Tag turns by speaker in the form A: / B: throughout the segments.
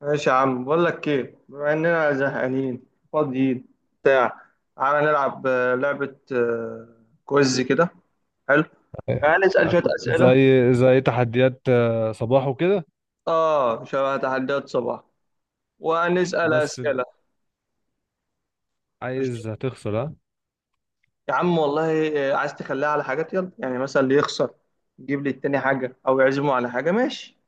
A: ماشي يا عم، بقول لك ايه، بما اننا زهقانين فاضيين بتاع. تعالى نلعب لعبة كويز كده. حلو، هنسأل شوية أسئلة.
B: زي تحديات صباح وكده.
A: اه شبه تحديات صباح وهنسأل
B: بس
A: أسئلة. ماشي
B: عايز هتخسر ها.
A: يا عم والله، عايز تخليها على حاجات يلا، يعني مثلا اللي يخسر يجيب للتاني حاجة أو يعزمه على حاجة. ماشي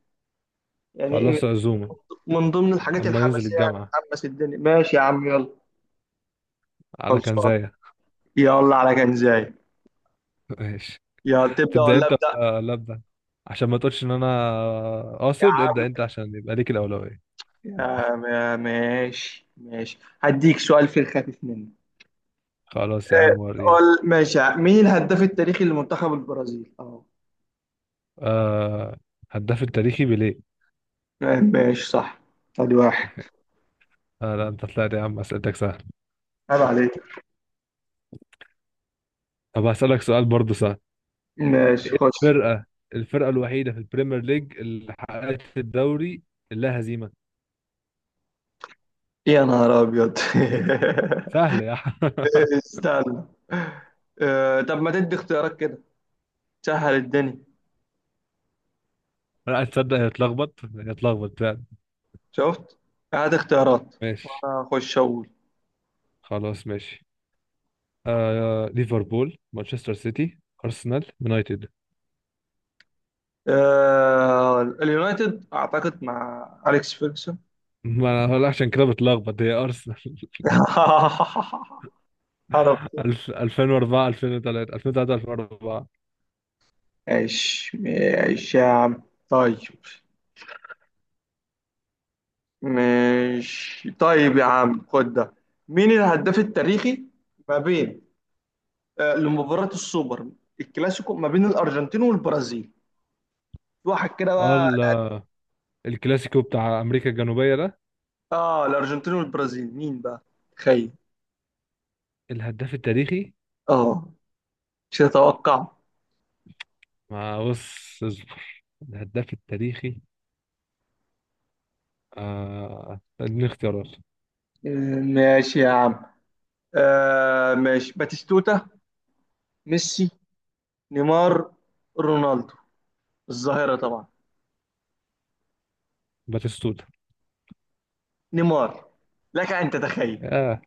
A: يعني إيه،
B: خلاص عزومة
A: من ضمن الحاجات
B: اما ننزل
A: الحماسية، يعني
B: الجامعة
A: نحمس الدنيا. ماشي يا عم يلا،
B: على
A: خلصان،
B: كنزاية.
A: يلا على كنزاي.
B: ماشي.
A: يلا تبدأ
B: تبدأ
A: ولا
B: انت
A: أبدأ؟
B: ولا ابدأ، عشان ما تقولش ان انا
A: يا
B: قاصد
A: عم،
B: ابدأ انت عشان يبقى ليك الأولوية.
A: يا ما- ماشي ماشي، هديك سؤال في الخفيف منه.
B: خلاص يا
A: آه،
B: عم وريني.
A: ماشي، مين الهداف التاريخي لمنتخب البرازيل؟ اه.
B: آه، هداف التاريخي بيليه.
A: ماشي صح، ادي واحد.
B: آه، لا انت طلعت يا عم اسئلتك سهل.
A: عيب عليك.
B: طب هسألك سؤال برضه سهل.
A: ماشي
B: ايه
A: خش.
B: الفرقة الوحيدة في البريمير ليج اللي حققت الدوري لا هزيمة؟
A: يا نهار ابيض.
B: سهل يا عم
A: استنى. طب ما تدي اختيارات كده، سهل الدنيا.
B: لا تصدق، هي اتلخبط هي اتلخبط فعلا.
A: شفت؟ هات اختيارات
B: ماشي.
A: وانا اخش اقول.
B: خلاص ماشي. ليفربول، مانشستر سيتي، ارسنال، يونايتد.
A: اليونايتد اعتقد مع اليكس فيرجسون.
B: ما انا هقول عشان كده بتلخبط، هي ارسنال
A: عرفت.
B: 2004، 2003، 2003، 2004.
A: ماشي يا عم. طيب، ماشي طيب يا عم، خد ده. مين الهداف التاريخي ما بين، آه، لمباراة السوبر الكلاسيكو ما بين الأرجنتين والبرازيل؟ في واحد كده
B: اه
A: بقى.
B: الكلاسيكو بتاع امريكا الجنوبيه ده.
A: اه الأرجنتين والبرازيل، مين بقى؟ تخيل.
B: الهداف التاريخي.
A: اه، مش هتوقع.
B: ما بص اصبر. الهداف التاريخي. آه، اديني اختيارات.
A: آه، ماشي يا عم. آه ماشي، باتيستوتا، ميسي، نيمار، رونالدو الظاهرة طبعا.
B: باتيستوتا.
A: نيمار، لك أن تتخيل.
B: يا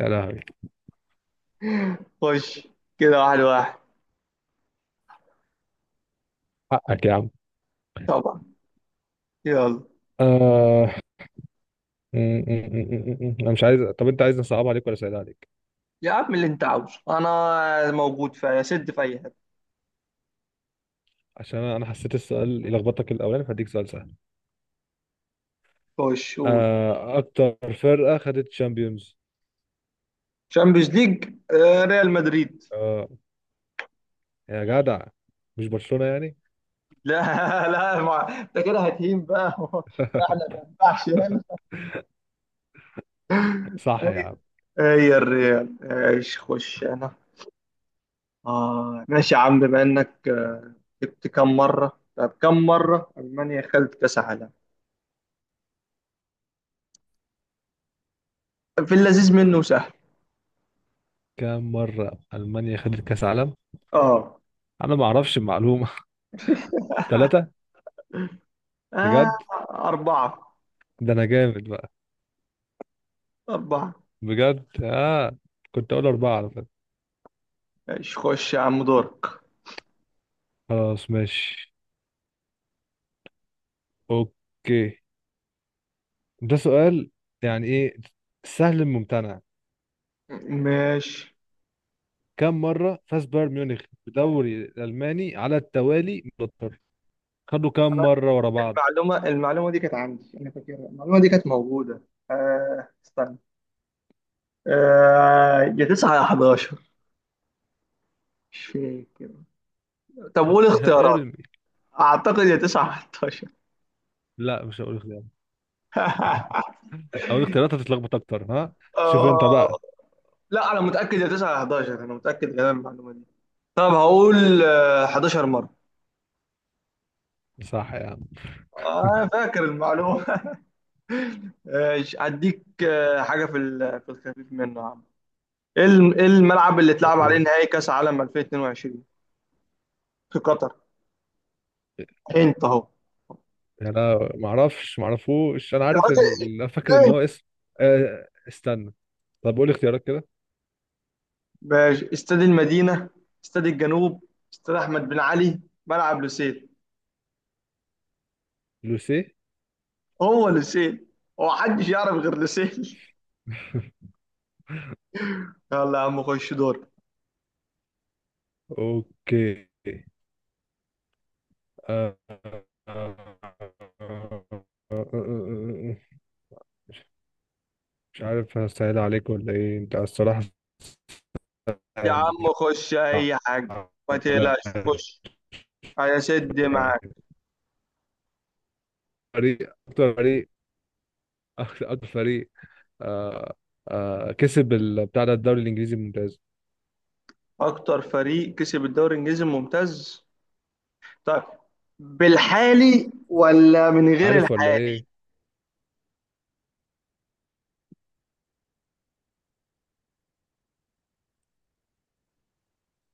B: يا لهوي!
A: خش كده واحد واحد.
B: حقك يا عم.
A: طبعا يلا.
B: آه انا مش عايز. طب انت عايز نصعب عليك ولا اسهل عليك؟
A: يا عم، اللي انت عاوزه انا موجود في سد في اي حته.
B: عشان انا حسيت السؤال يلخبطك الاولاني، فهديك سؤال سهل.
A: خش قول.
B: آه، اكتر فرقه خدت تشامبيونز؟
A: شامبيونز ليج، ريال مدريد.
B: اه يا جدع، مش برشلونه يعني؟
A: لا. لا ما انت كده هتهين بقى. ما احنا ما ينفعش يلا.
B: صح يا عم.
A: هي الريال ايش، خش انا. اه ماشي يا عم، بما انك، جبت كم مره، طب كم مره المانيا خدت كاس عالم؟ في اللذيذ منه سهل.
B: كام مره المانيا خدت كاس عالم؟
A: اه.
B: انا ما اعرفش المعلومه. ثلاثه.
A: آه،
B: بجد؟
A: أربعة.
B: ده انا جامد بقى.
A: أربعة.
B: بجد اه. كنت اقول اربعه على فكره.
A: ماشي خش يا عم دورك.
B: خلاص ماشي. اوكي. ده سؤال، يعني ايه، سهل ممتنع.
A: ماشي.
B: كم مرة فاز بايرن ميونخ بدوري الألماني على التوالي متوتر؟ خدوا كم
A: أنا،
B: مرة ورا بعض؟
A: المعلومة دي كانت عندي أنا، فاكرها المعلومة دي، كانت موجودة. آه استنى. آه يا 9 يا 11، مش فاكر. طب قول اختيارات.
B: ارمي.
A: أعتقد يا 9 يا 11.
B: لا مش هقول اختيارات. اقول اختيارات هتتلخبط اكتر ها. شوف انت
A: آه
B: بقى.
A: لا، أنا متأكد يا 9 يا 11، أنا متأكد من المعلومة دي. طب هقول آه 11 مرة.
B: صح يا عم.
A: آه فاكر المعلومة. ماشي، هديك آه حاجة في الخفيف منه. إيه الملعب اللي اتلعب عليه
B: أوه.
A: نهائي كاس عالم 2022 في قطر؟ انت اهو.
B: انا ما اعرفش، ما اعرفوش، انا
A: يا
B: عارف
A: راجل
B: ال... أنا فاكر ان
A: ايه.
B: هو اسم. استنى. طب قول اختيارات كده.
A: ماشي، استاد المدينه، استاد الجنوب، استاد احمد بن علي، ملعب لوسيل.
B: لوسيه.
A: هو لوسيل، هو محدش يعرف غير لوسيل. يلا يا عم خش دور.
B: اوكي. آه، آه، آه، آه، آه، آه، آه، آه، آه، آه، مش عارف هسهل عليك ولا ايه انت الصراحة.
A: يا عم خش اي حاجه، ما
B: على
A: تقلقش، خش هيسد معاك.
B: فريق، اكتر فريق، اكتر فريق، آه، آه كسب بتاع ده الدوري الانجليزي الممتاز.
A: اكتر فريق كسب الدوري الانجليزي الممتاز؟ طيب، بالحالي ولا من غير
B: عارف ولا
A: الحالي؟
B: ايه؟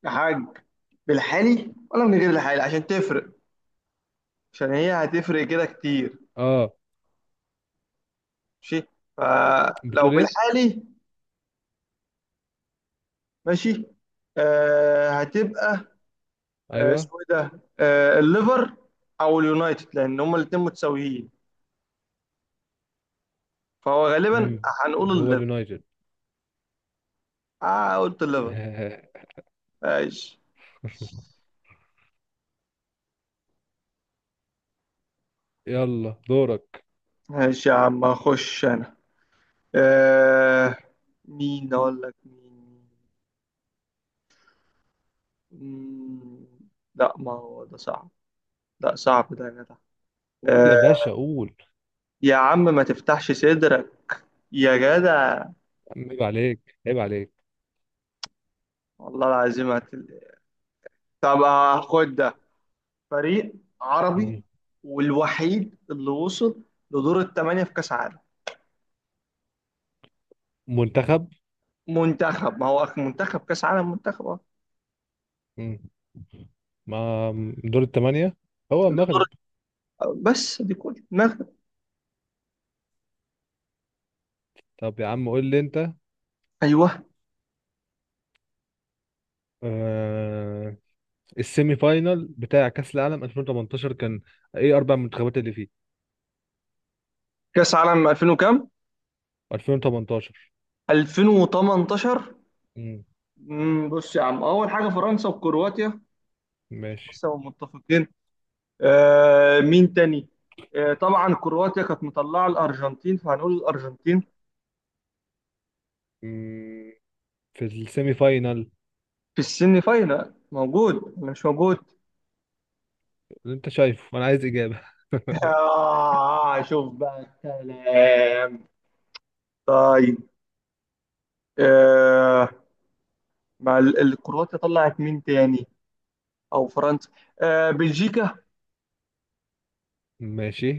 A: يا حاج، بالحالي ولا من غير الحالي عشان تفرق، عشان هي هتفرق كده كتير.
B: اه.
A: ماشي، فلو
B: بتقول ايه؟
A: بالحالي. ماشي، آه هتبقى،
B: ايوه.
A: اسمه ايه ده، آه الليفر او اليونايتد، لان هما الاتنين متساويين. فهو غالبا
B: امم
A: هنقول
B: هو
A: الليفر.
B: اليونايتد.
A: اه قلت الليفر. ماشي
B: يلا دورك.
A: ماشي يا عم اخش انا. آه مين اقول لك مين. مم، لا ما هو ده صعب، لا صعب ده يا جدع.
B: قول
A: آه،
B: يا باشا قول.
A: يا عم ما تفتحش صدرك يا جدع.
B: عيب عليك، عيب عليك.
A: والله العظيم هتل... طب خد ده. فريق عربي
B: مم.
A: والوحيد اللي وصل لدور الثمانية في كأس عالم.
B: منتخب.
A: منتخب، ما هو منتخب كأس عالم منتخب أه.
B: مم. ما دور الثمانية هو
A: دور.
B: المغرب.
A: بس دي كل المغرب؟
B: طب يا عم قول لي انت.
A: ايوه.
B: آه... السيمي فاينال بتاع كأس العالم 2018 كان ايه، 4 منتخبات اللي فيه؟
A: كأس عالم 2000 وكام؟
B: 2018.
A: 2018.
B: امم
A: مم، بص يا عم، اول حاجة فرنسا وكرواتيا،
B: ماشي.
A: بس هم متفقين. آه مين تاني؟ آه طبعا كرواتيا كانت مطلعة الأرجنتين، فهنقول الأرجنتين.
B: امم في السيمي فاينال.
A: في السيمي فاينال موجود ولا مش موجود؟
B: اللي انت شايفه انا عايز اجابة.
A: آه شوف بقى الكلام. طيب، آه مع الكرواتيا طلعت مين تاني؟ او فرنسا؟ آه بلجيكا.
B: ماشي.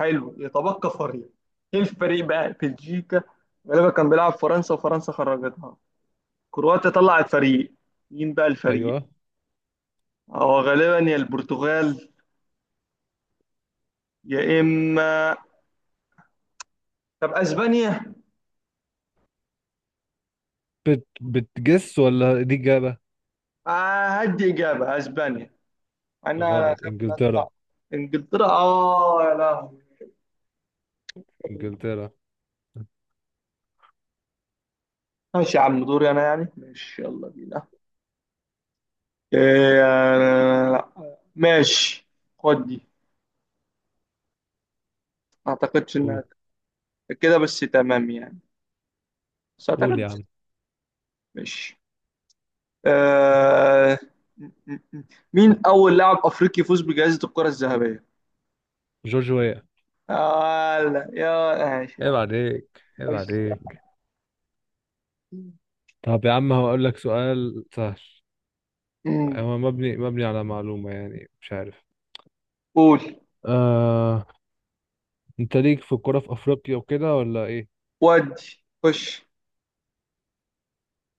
A: حلو، يتبقى فريق. ايه الفريق بقى؟ بلجيكا غالبا كان بيلعب فرنسا، وفرنسا خرجتها. كرواتيا طلعت فريق، مين بقى الفريق؟
B: ايوه.
A: هو غالبا يا البرتغال يا اما، طب اسبانيا.
B: بتجس ولا دي اجابة؟
A: آه هدي اجابه اسبانيا، مع انها انا
B: غلط.
A: خايف انها تطلع.
B: انجلترا.
A: انجلترا؟ اه يا لهوي.
B: انجلترا.
A: ماشي يا عم دوري انا يعني، ماشي يلا بينا. إيه. أنا... لا. ماشي، خد دي. ما اعتقدش انها
B: قول.
A: كده بس، تمام يعني، بس اعتقد
B: قول يا
A: بس.
B: عم.
A: ماشي. آه... م- م- م. مين اول لاعب افريقي يفوز بجائزة الكرة الذهبية؟
B: جورج ويا.
A: آه لا يا، ماشي يا
B: عيب
A: عم.
B: عليك، عيب
A: خش يا
B: عليك.
A: عم.
B: طب يا عم هقول لك سؤال سهل.
A: مم.
B: هو مبني على معلومة، يعني مش عارف.
A: قول.
B: آه انت ليك في الكوره في افريقيا وكده ولا ايه؟
A: ودي خش.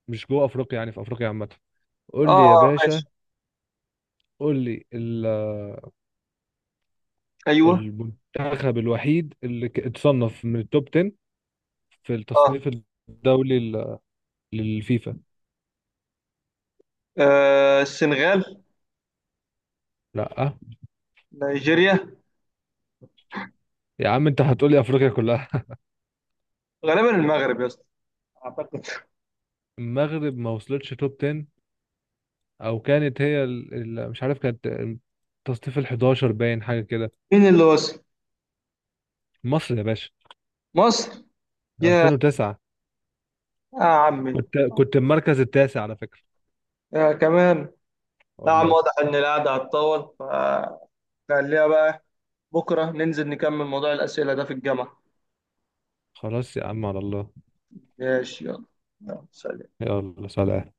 B: مش جوه افريقيا، يعني في افريقيا عامه.
A: اه
B: قول لي يا
A: ماشي.
B: باشا. قول لي
A: ايوه.
B: المنتخب الوحيد اللي اتصنف من التوب 10 في
A: اه
B: التصنيف الدولي للفيفا.
A: السنغال.
B: لا
A: نيجيريا.
B: يا عم انت هتقول لي افريقيا كلها
A: غالبا المغرب يا اسطى، اعتقد.
B: المغرب ما وصلتش توب 10، او كانت هي ال... ال... مش عارف كانت التصنيف ال 11 باين حاجه كده.
A: مين اللي وصل؟
B: مصر يا باشا.
A: مصر؟ يا
B: 2009.
A: يا عمي،
B: كنت المركز التاسع على فكره.
A: يا كمان. لا يا عم،
B: والله.
A: واضح ان القعده هتطول، فخليها بقى. بكره ننزل نكمل موضوع الاسئله ده في الجامعه.
B: خلاص يا عم على الله.
A: ماشي يلا، يلا سلام.
B: يلا سلام.